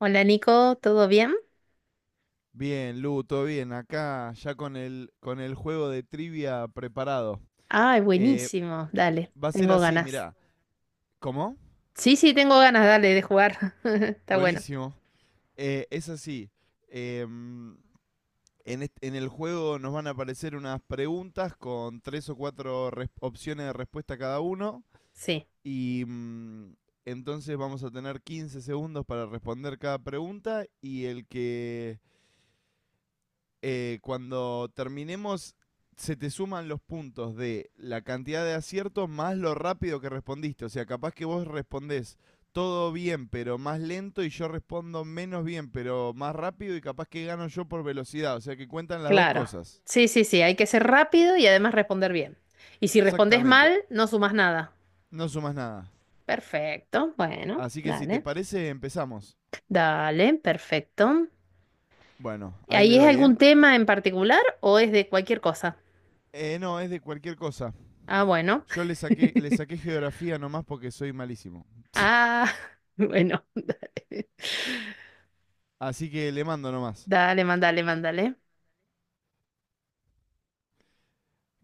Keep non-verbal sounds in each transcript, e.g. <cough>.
Hola Nico, ¿todo bien? Bien, Lu, todo bien. Acá ya con el juego de trivia preparado. Ay, Eh, buenísimo, dale, Va a ser tengo así, ganas. mirá. ¿Cómo? Sí, sí, tengo ganas, dale, de jugar. <laughs> Está bueno. Buenísimo. Es así. em, en el juego nos van a aparecer unas preguntas con tres o cuatro opciones de respuesta cada uno. Sí, Y entonces vamos a tener 15 segundos para responder cada pregunta. Y el que cuando terminemos, se te suman los puntos de la cantidad de aciertos más lo rápido que respondiste. O sea, capaz que vos respondés todo bien, pero más lento, y yo respondo menos bien, pero más rápido, y capaz que gano yo por velocidad. O sea, que cuentan las dos claro. cosas. Sí, sí, sí, hay que ser rápido y además responder bien. Y si respondes Exactamente. mal, no sumas nada. No sumas nada. Perfecto, bueno, Así que si te dale. parece, empezamos. Dale, perfecto. Bueno, ahí le ¿Ahí es doy, ¿eh? algún tema en particular o es de cualquier cosa? No, es de cualquier cosa. Ah, bueno. Yo <laughs> le saqué, le saqué geografía nomás porque soy malísimo. Ah, <laughs> bueno. Así que le mando nomás. Dale, mandale, mandale.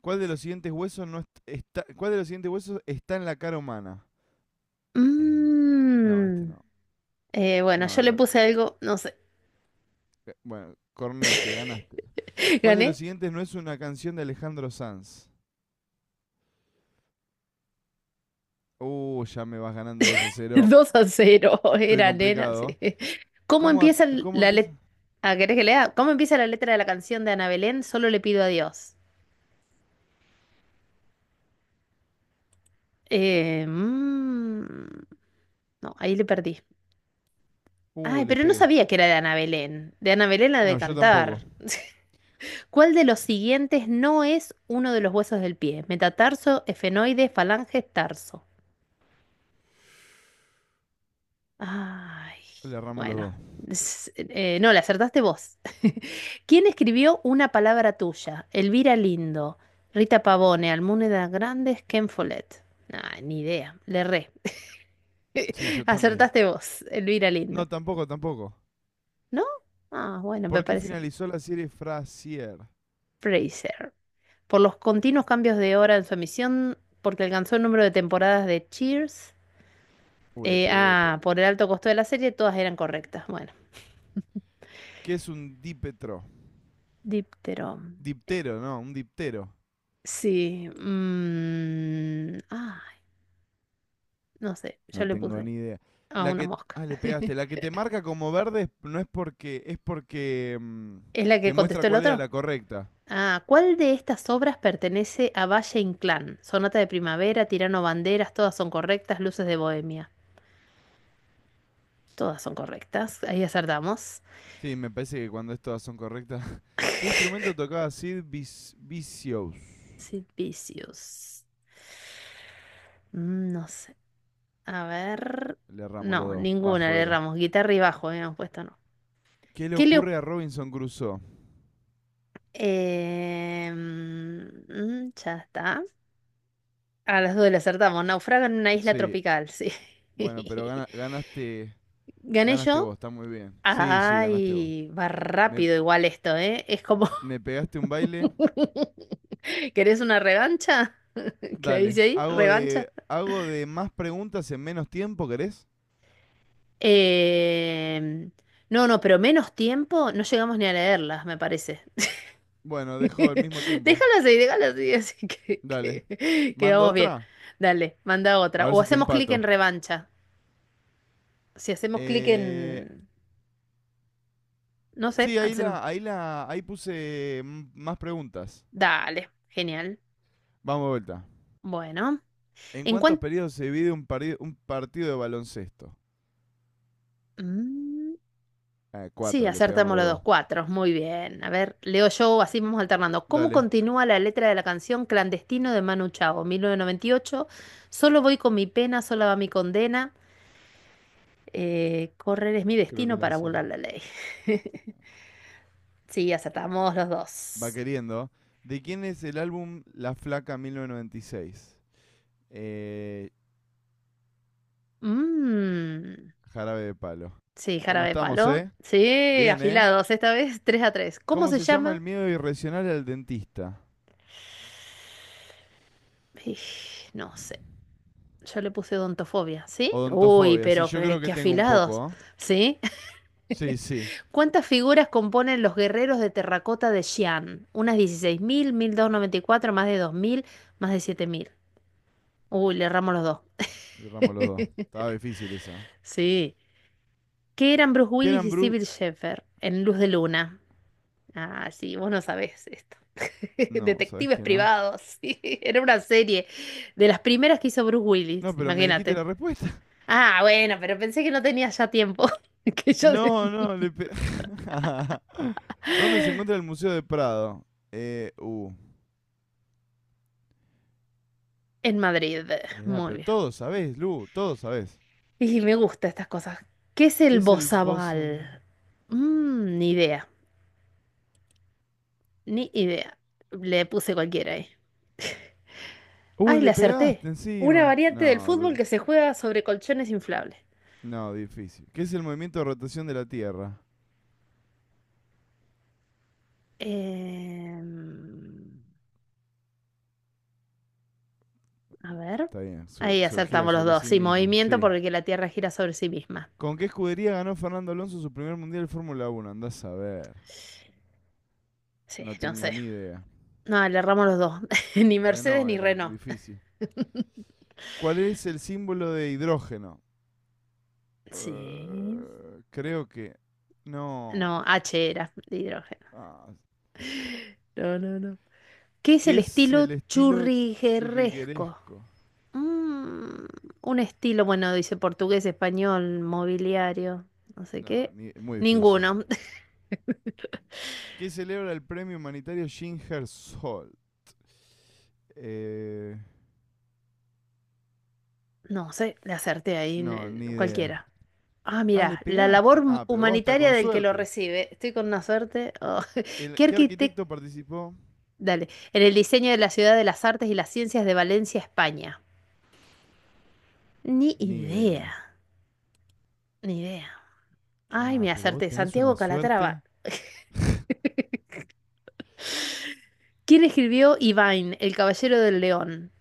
¿Cuál de los siguientes huesos está en la cara humana? Eh, no, este Mm, no. bueno, No, yo le puse algo, no sé. Bueno, Cornete, ganaste. <laughs> ¿Cuál de los Gané siguientes no es una canción de Alejandro Sanz? Ya me vas ganando 2-0. 2-0. Estoy Era nena, sí. complicado. ¿Cómo ¿Cómo, empieza cómo la empieza? letra? ¿Querés que lea? ¿Cómo empieza la letra de la canción de Ana Belén? Solo le pido a Dios. Eh, mm, no, ahí le perdí. Ay, Le pero no pegué. sabía que era de Ana Belén. De Ana Belén la de No, yo tampoco. cantar. <laughs> ¿Cuál de los siguientes no es uno de los huesos del pie? Metatarso, efenoide, falange, tarso. Ay, Le erramos los bueno. dos. No, le acertaste vos. <laughs> ¿Quién escribió Una palabra tuya? Elvira Lindo, Rita Pavone, Almudena Grandes, Ken Follett. Nah, ni idea. Le erré. Sí, yo <laughs> también. Acertaste vos, Elvira Lindo. No, tampoco, tampoco. ¿No? Ah, bueno, me ¿Por qué parece. finalizó la serie Frasier? Fraser. Por los continuos cambios de hora en su emisión, porque alcanzó el número de temporadas de Cheers. Le pegué. Ah, por el alto costo de la serie, todas eran correctas. Bueno, ¿Qué es un dipetro? Diptero. Diptero, no, un diptero. Sí, ay, no sé, yo No le tengo puse ni idea. a La una que. mosca. Ah, le pegaste. La <laughs> que te marca como verde no es porque, es porque, ¿Es la que te muestra contestó el cuál era otro? la correcta. Ah, ¿cuál de estas obras pertenece a Valle Inclán? Sonata de primavera, Tirano Banderas, todas son correctas, Luces de Bohemia. Todas son correctas, ahí acertamos. Sí, me parece que cuando es todas son correctas. <laughs> ¿Qué instrumento tocaba Sid Vicious? Sid Vicious. No sé, a ver. Le erramos los No, dos. ninguna Bajo le era. erramos, guitarra y bajo, habíamos puesto no. ¿Qué le ¿Qué le... oc- ocurre a Robinson Crusoe? Em, mm, Ya está. A las dos le acertamos. Naufraga en una isla Sí. tropical, sí. Bueno, pero <laughs> ganaste. Gané Ganaste vos, yo. está muy bien. Sí, sí, ganaste vos. Ay, va Me, rápido igual esto, ¿eh? Es como. me pegaste un baile. <laughs> ¿Querés una revancha? <laughs> ¿Qué dice Dale. ahí? ¿Revancha? Hago de más preguntas en menos tiempo, ¿querés? Eh, No, no, pero menos tiempo no llegamos ni a leerlas, me parece. Bueno, <laughs> dejo el mismo tiempo. Déjalas ahí, <laughs> así que, Dale. que, que ¿Mando vamos bien. otra? Dale, manda A otra. ver O si te hacemos clic en empato. revancha. Si hacemos clic Eh, en. No sé, sí, hacemos. Ahí puse más preguntas. Dale, genial. Vamos de vuelta. Bueno, ¿En en cuántos cuanto. periodos se divide un partido de baloncesto? Sí, Cuatro, le pegamos acertamos los los dos dos. cuatro. Muy bien. A ver, leo yo, así vamos alternando. ¿Cómo Dale, continúa la letra de la canción Clandestino de Manu Chao, 1998? Solo voy con mi pena, sola va mi condena. Correr es mi creo que destino la para sé. burlar la ley. <laughs> Sí, acertamos los Va dos. queriendo. ¿De quién es el álbum La Flaca 1996? Eh, Mm, Jarabe de Palo. sí, ¿Cómo jarabe de estamos, palo. eh? Sí, Bien, ¿eh? afilados, esta vez 3-3. ¿Cómo ¿Cómo se se llama llama? el miedo irracional al dentista? Ij, no sé. Yo le puse odontofobia, ¿sí? Uy, Odontofobia. Sí, pero yo qué, creo que qué tengo un afilados, poco, ¿eh? ¿sí? Sí, sí. <laughs> ¿Cuántas figuras componen los guerreros de terracota de Xi'an? Unas 16.000, 1.294, más de 2.000, más de 7.000. Uy, le erramos los dos. Erramos los dos. Estaba difícil esa. Sí. ¿Qué eran Bruce Willis Kieran y Bru... Sybil Shepherd en Luz de Luna? Ah, sí, vos no sabés esto. <laughs> No, ¿sabes Detectives que no? privados, sí. Era una serie de las primeras que hizo Bruce No, Willis, pero me dijiste imagínate. la respuesta. <laughs> Ah, bueno, pero pensé que no tenía ya tiempo. <laughs> Que yo. No, no, <laughs> ¿Dónde se encuentra el Museo de Prado? Eh, uh. En Madrid, Mirá, muy pero bien. todos sabés, Lu, todos sabés. Y me gustan estas cosas. ¿Qué es ¿Qué el es el bozo? bozabal? Ni idea, ni idea. Le puse cualquiera ahí. <laughs> Uy, Ay, le le acerté. pegaste Una encima. variante del fútbol No, que se juega sobre colchones inflables. no, difícil. ¿Qué es el movimiento de rotación de la Tierra? Em, a ver. Está bien, Ahí gira acertamos los sobre dos. sí Sí, misma, movimiento sí. porque la Tierra gira sobre sí misma. ¿Con qué escudería ganó Fernando Alonso su primer mundial de Fórmula Uno? Andás a ver. Sí, No no tengo sé. ni idea. No, le erramos los dos. <laughs> Ni Mercedes Renault ni era Renault. difícil. ¿Cuál es el símbolo de hidrógeno? Sí. Creo que. No. No, H era de hidrógeno. Ah. No, no, no. ¿Qué es ¿Qué el es el estilo estilo churrigueresco? churrigueresco? Mm, un estilo, bueno, dice portugués, español, mobiliario, no sé No, qué. Muy difícil. Ninguno. <laughs> ¿Qué celebra el premio humanitario Ginger Sol? Eh, No sé, le acerté ahí, no, ni idea. cualquiera. Ah, Ah, le mira, la labor pegaste. Ah, pero vos hasta humanitaria con del que lo suerte. recibe. Estoy con una suerte. Oh, <laughs> ¿Qué ¿Qué arquitecto? arquitecto participó? Dale. En el diseño de la Ciudad de las Artes y las Ciencias de Valencia, España. Ni Ni idea, idea. ni idea. Ay, Ah, me pero vos acerté. tenés Santiago una Calatrava. suerte. ¿Quién escribió Ivain, El Caballero del León?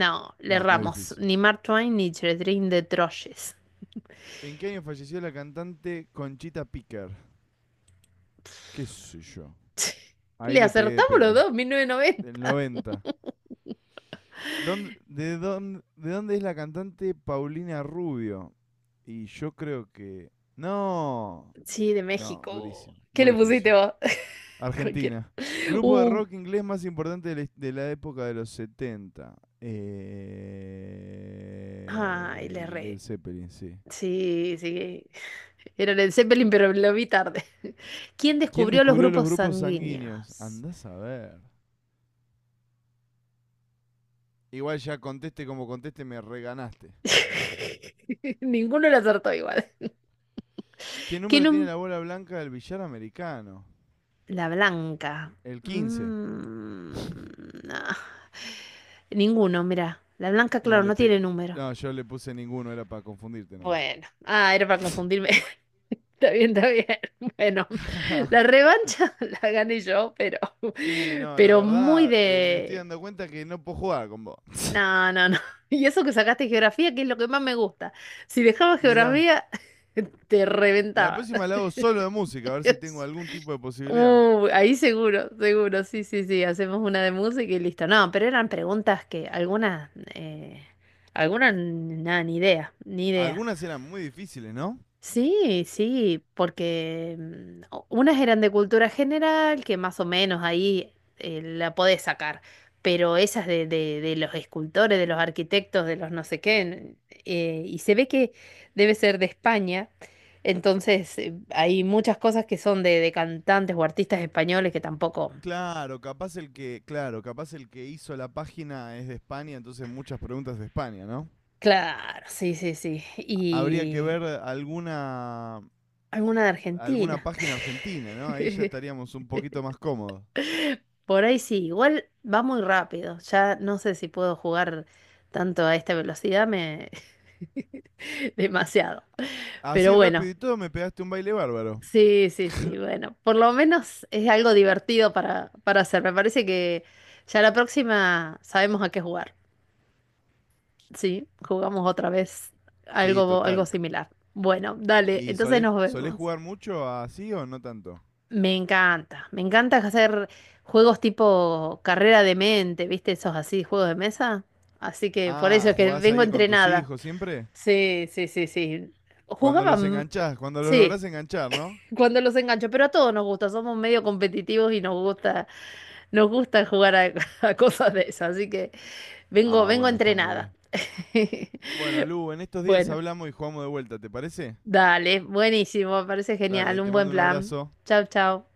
No, le No, muy erramos. difícil. Ni Mark Twain ni Catherine de Troyes. ¿En qué año falleció la cantante Conchita Picker? ¿Qué sé yo? <laughs> Ahí Le le pegué de acertamos los pedo. dos, mil novecientos Del noventa. 90. ¿De dónde es la cantante Paulina Rubio? Y yo creo que... No. Sí, de No, México. durísimo. ¿Qué Muy le pusiste difícil. vos? <laughs> Cualquiera. Argentina. Grupo de Uh, rock inglés más importante de de la época de los 70. Ay, le Y Led erré. Zeppelin, sí. Sí, sí. Era en el Zeppelin, pero lo vi tarde. <laughs> ¿Quién ¿Quién descubrió los descubrió los grupos grupos sanguíneos? sanguíneos? Andás a ver. Igual ya conteste como conteste, me reganaste. <laughs> Ninguno le acertó igual. ¿Qué ¿Qué, número tiene num- la bola blanca del billar americano? La blanca. El 15. Mm, ah. <sighs> Ninguno, mira. La blanca, No, claro, no tiene número. no yo le puse ninguno, era para confundirte nomás. Bueno, ah, era para confundirme. <laughs> Está bien, está bien. <laughs> Bueno, la <laughs> revancha <laughs> la gané yo, pero. sí, <laughs> no, la Pero muy verdad, me estoy de. dando cuenta que no puedo jugar con vos. No, no, no. <laughs> Y eso que sacaste geografía, que es lo que más me gusta. Si dejaba Mirá, geografía, <laughs> te la reventaba. próxima la hago solo de música, a ver si <laughs> tengo algún tipo de posibilidad. Ahí seguro, seguro, sí, sí, sí, hacemos una de música y listo. No, pero eran preguntas que algunas, nada, ni idea, ni idea. Algunas eran muy difíciles, ¿no? Sí, sí, porque unas eran de cultura general, que más o menos ahí la podés sacar, pero esas de los escultores, de los arquitectos, de los no sé qué, y se ve que debe ser de España, entonces hay muchas cosas que son de cantantes o artistas españoles que tampoco. Claro, capaz el que hizo la página es de España, entonces muchas preguntas de España, ¿no? Claro, sí, sí, sí, Habría que y ver alguna de alguna Argentina. página argentina, ¿no? Ahí ya <laughs> estaríamos un poquito más cómodos. Por ahí sí, igual va muy rápido. Ya no sé si puedo jugar tanto a esta velocidad, me. <laughs> Demasiado. Pero Así bueno, rápido y todo me pegaste un baile bárbaro. sí, sí, sí, bueno, por lo menos es algo divertido para hacer. Me parece que ya la próxima sabemos a qué jugar. Sí, jugamos otra vez Sí, algo total. similar. Bueno, dale, ¿Y entonces nos solés vemos. jugar mucho así o no tanto? Me encanta hacer juegos tipo carrera de mente, ¿viste? Esos así, juegos de mesa. Así que por Ah, eso es que ¿jugás vengo ahí con tus entrenada. hijos siempre? Sí, sí, sí, sí. Cuando los Jugaban, enganchás, cuando los sí, lográs enganchar, ¿no? cuando los engancho, pero a todos nos gusta, somos medio competitivos y nos gusta jugar a, <laughs> a cosas de esas, así que vengo, Ah, vengo bueno, está muy entrenada. bien. <laughs> Bueno, Lu, en estos días Bueno, hablamos y jugamos de vuelta, ¿te parece? dale, buenísimo, me parece genial, Dale, un te buen mando un plan. abrazo. Chao, chao.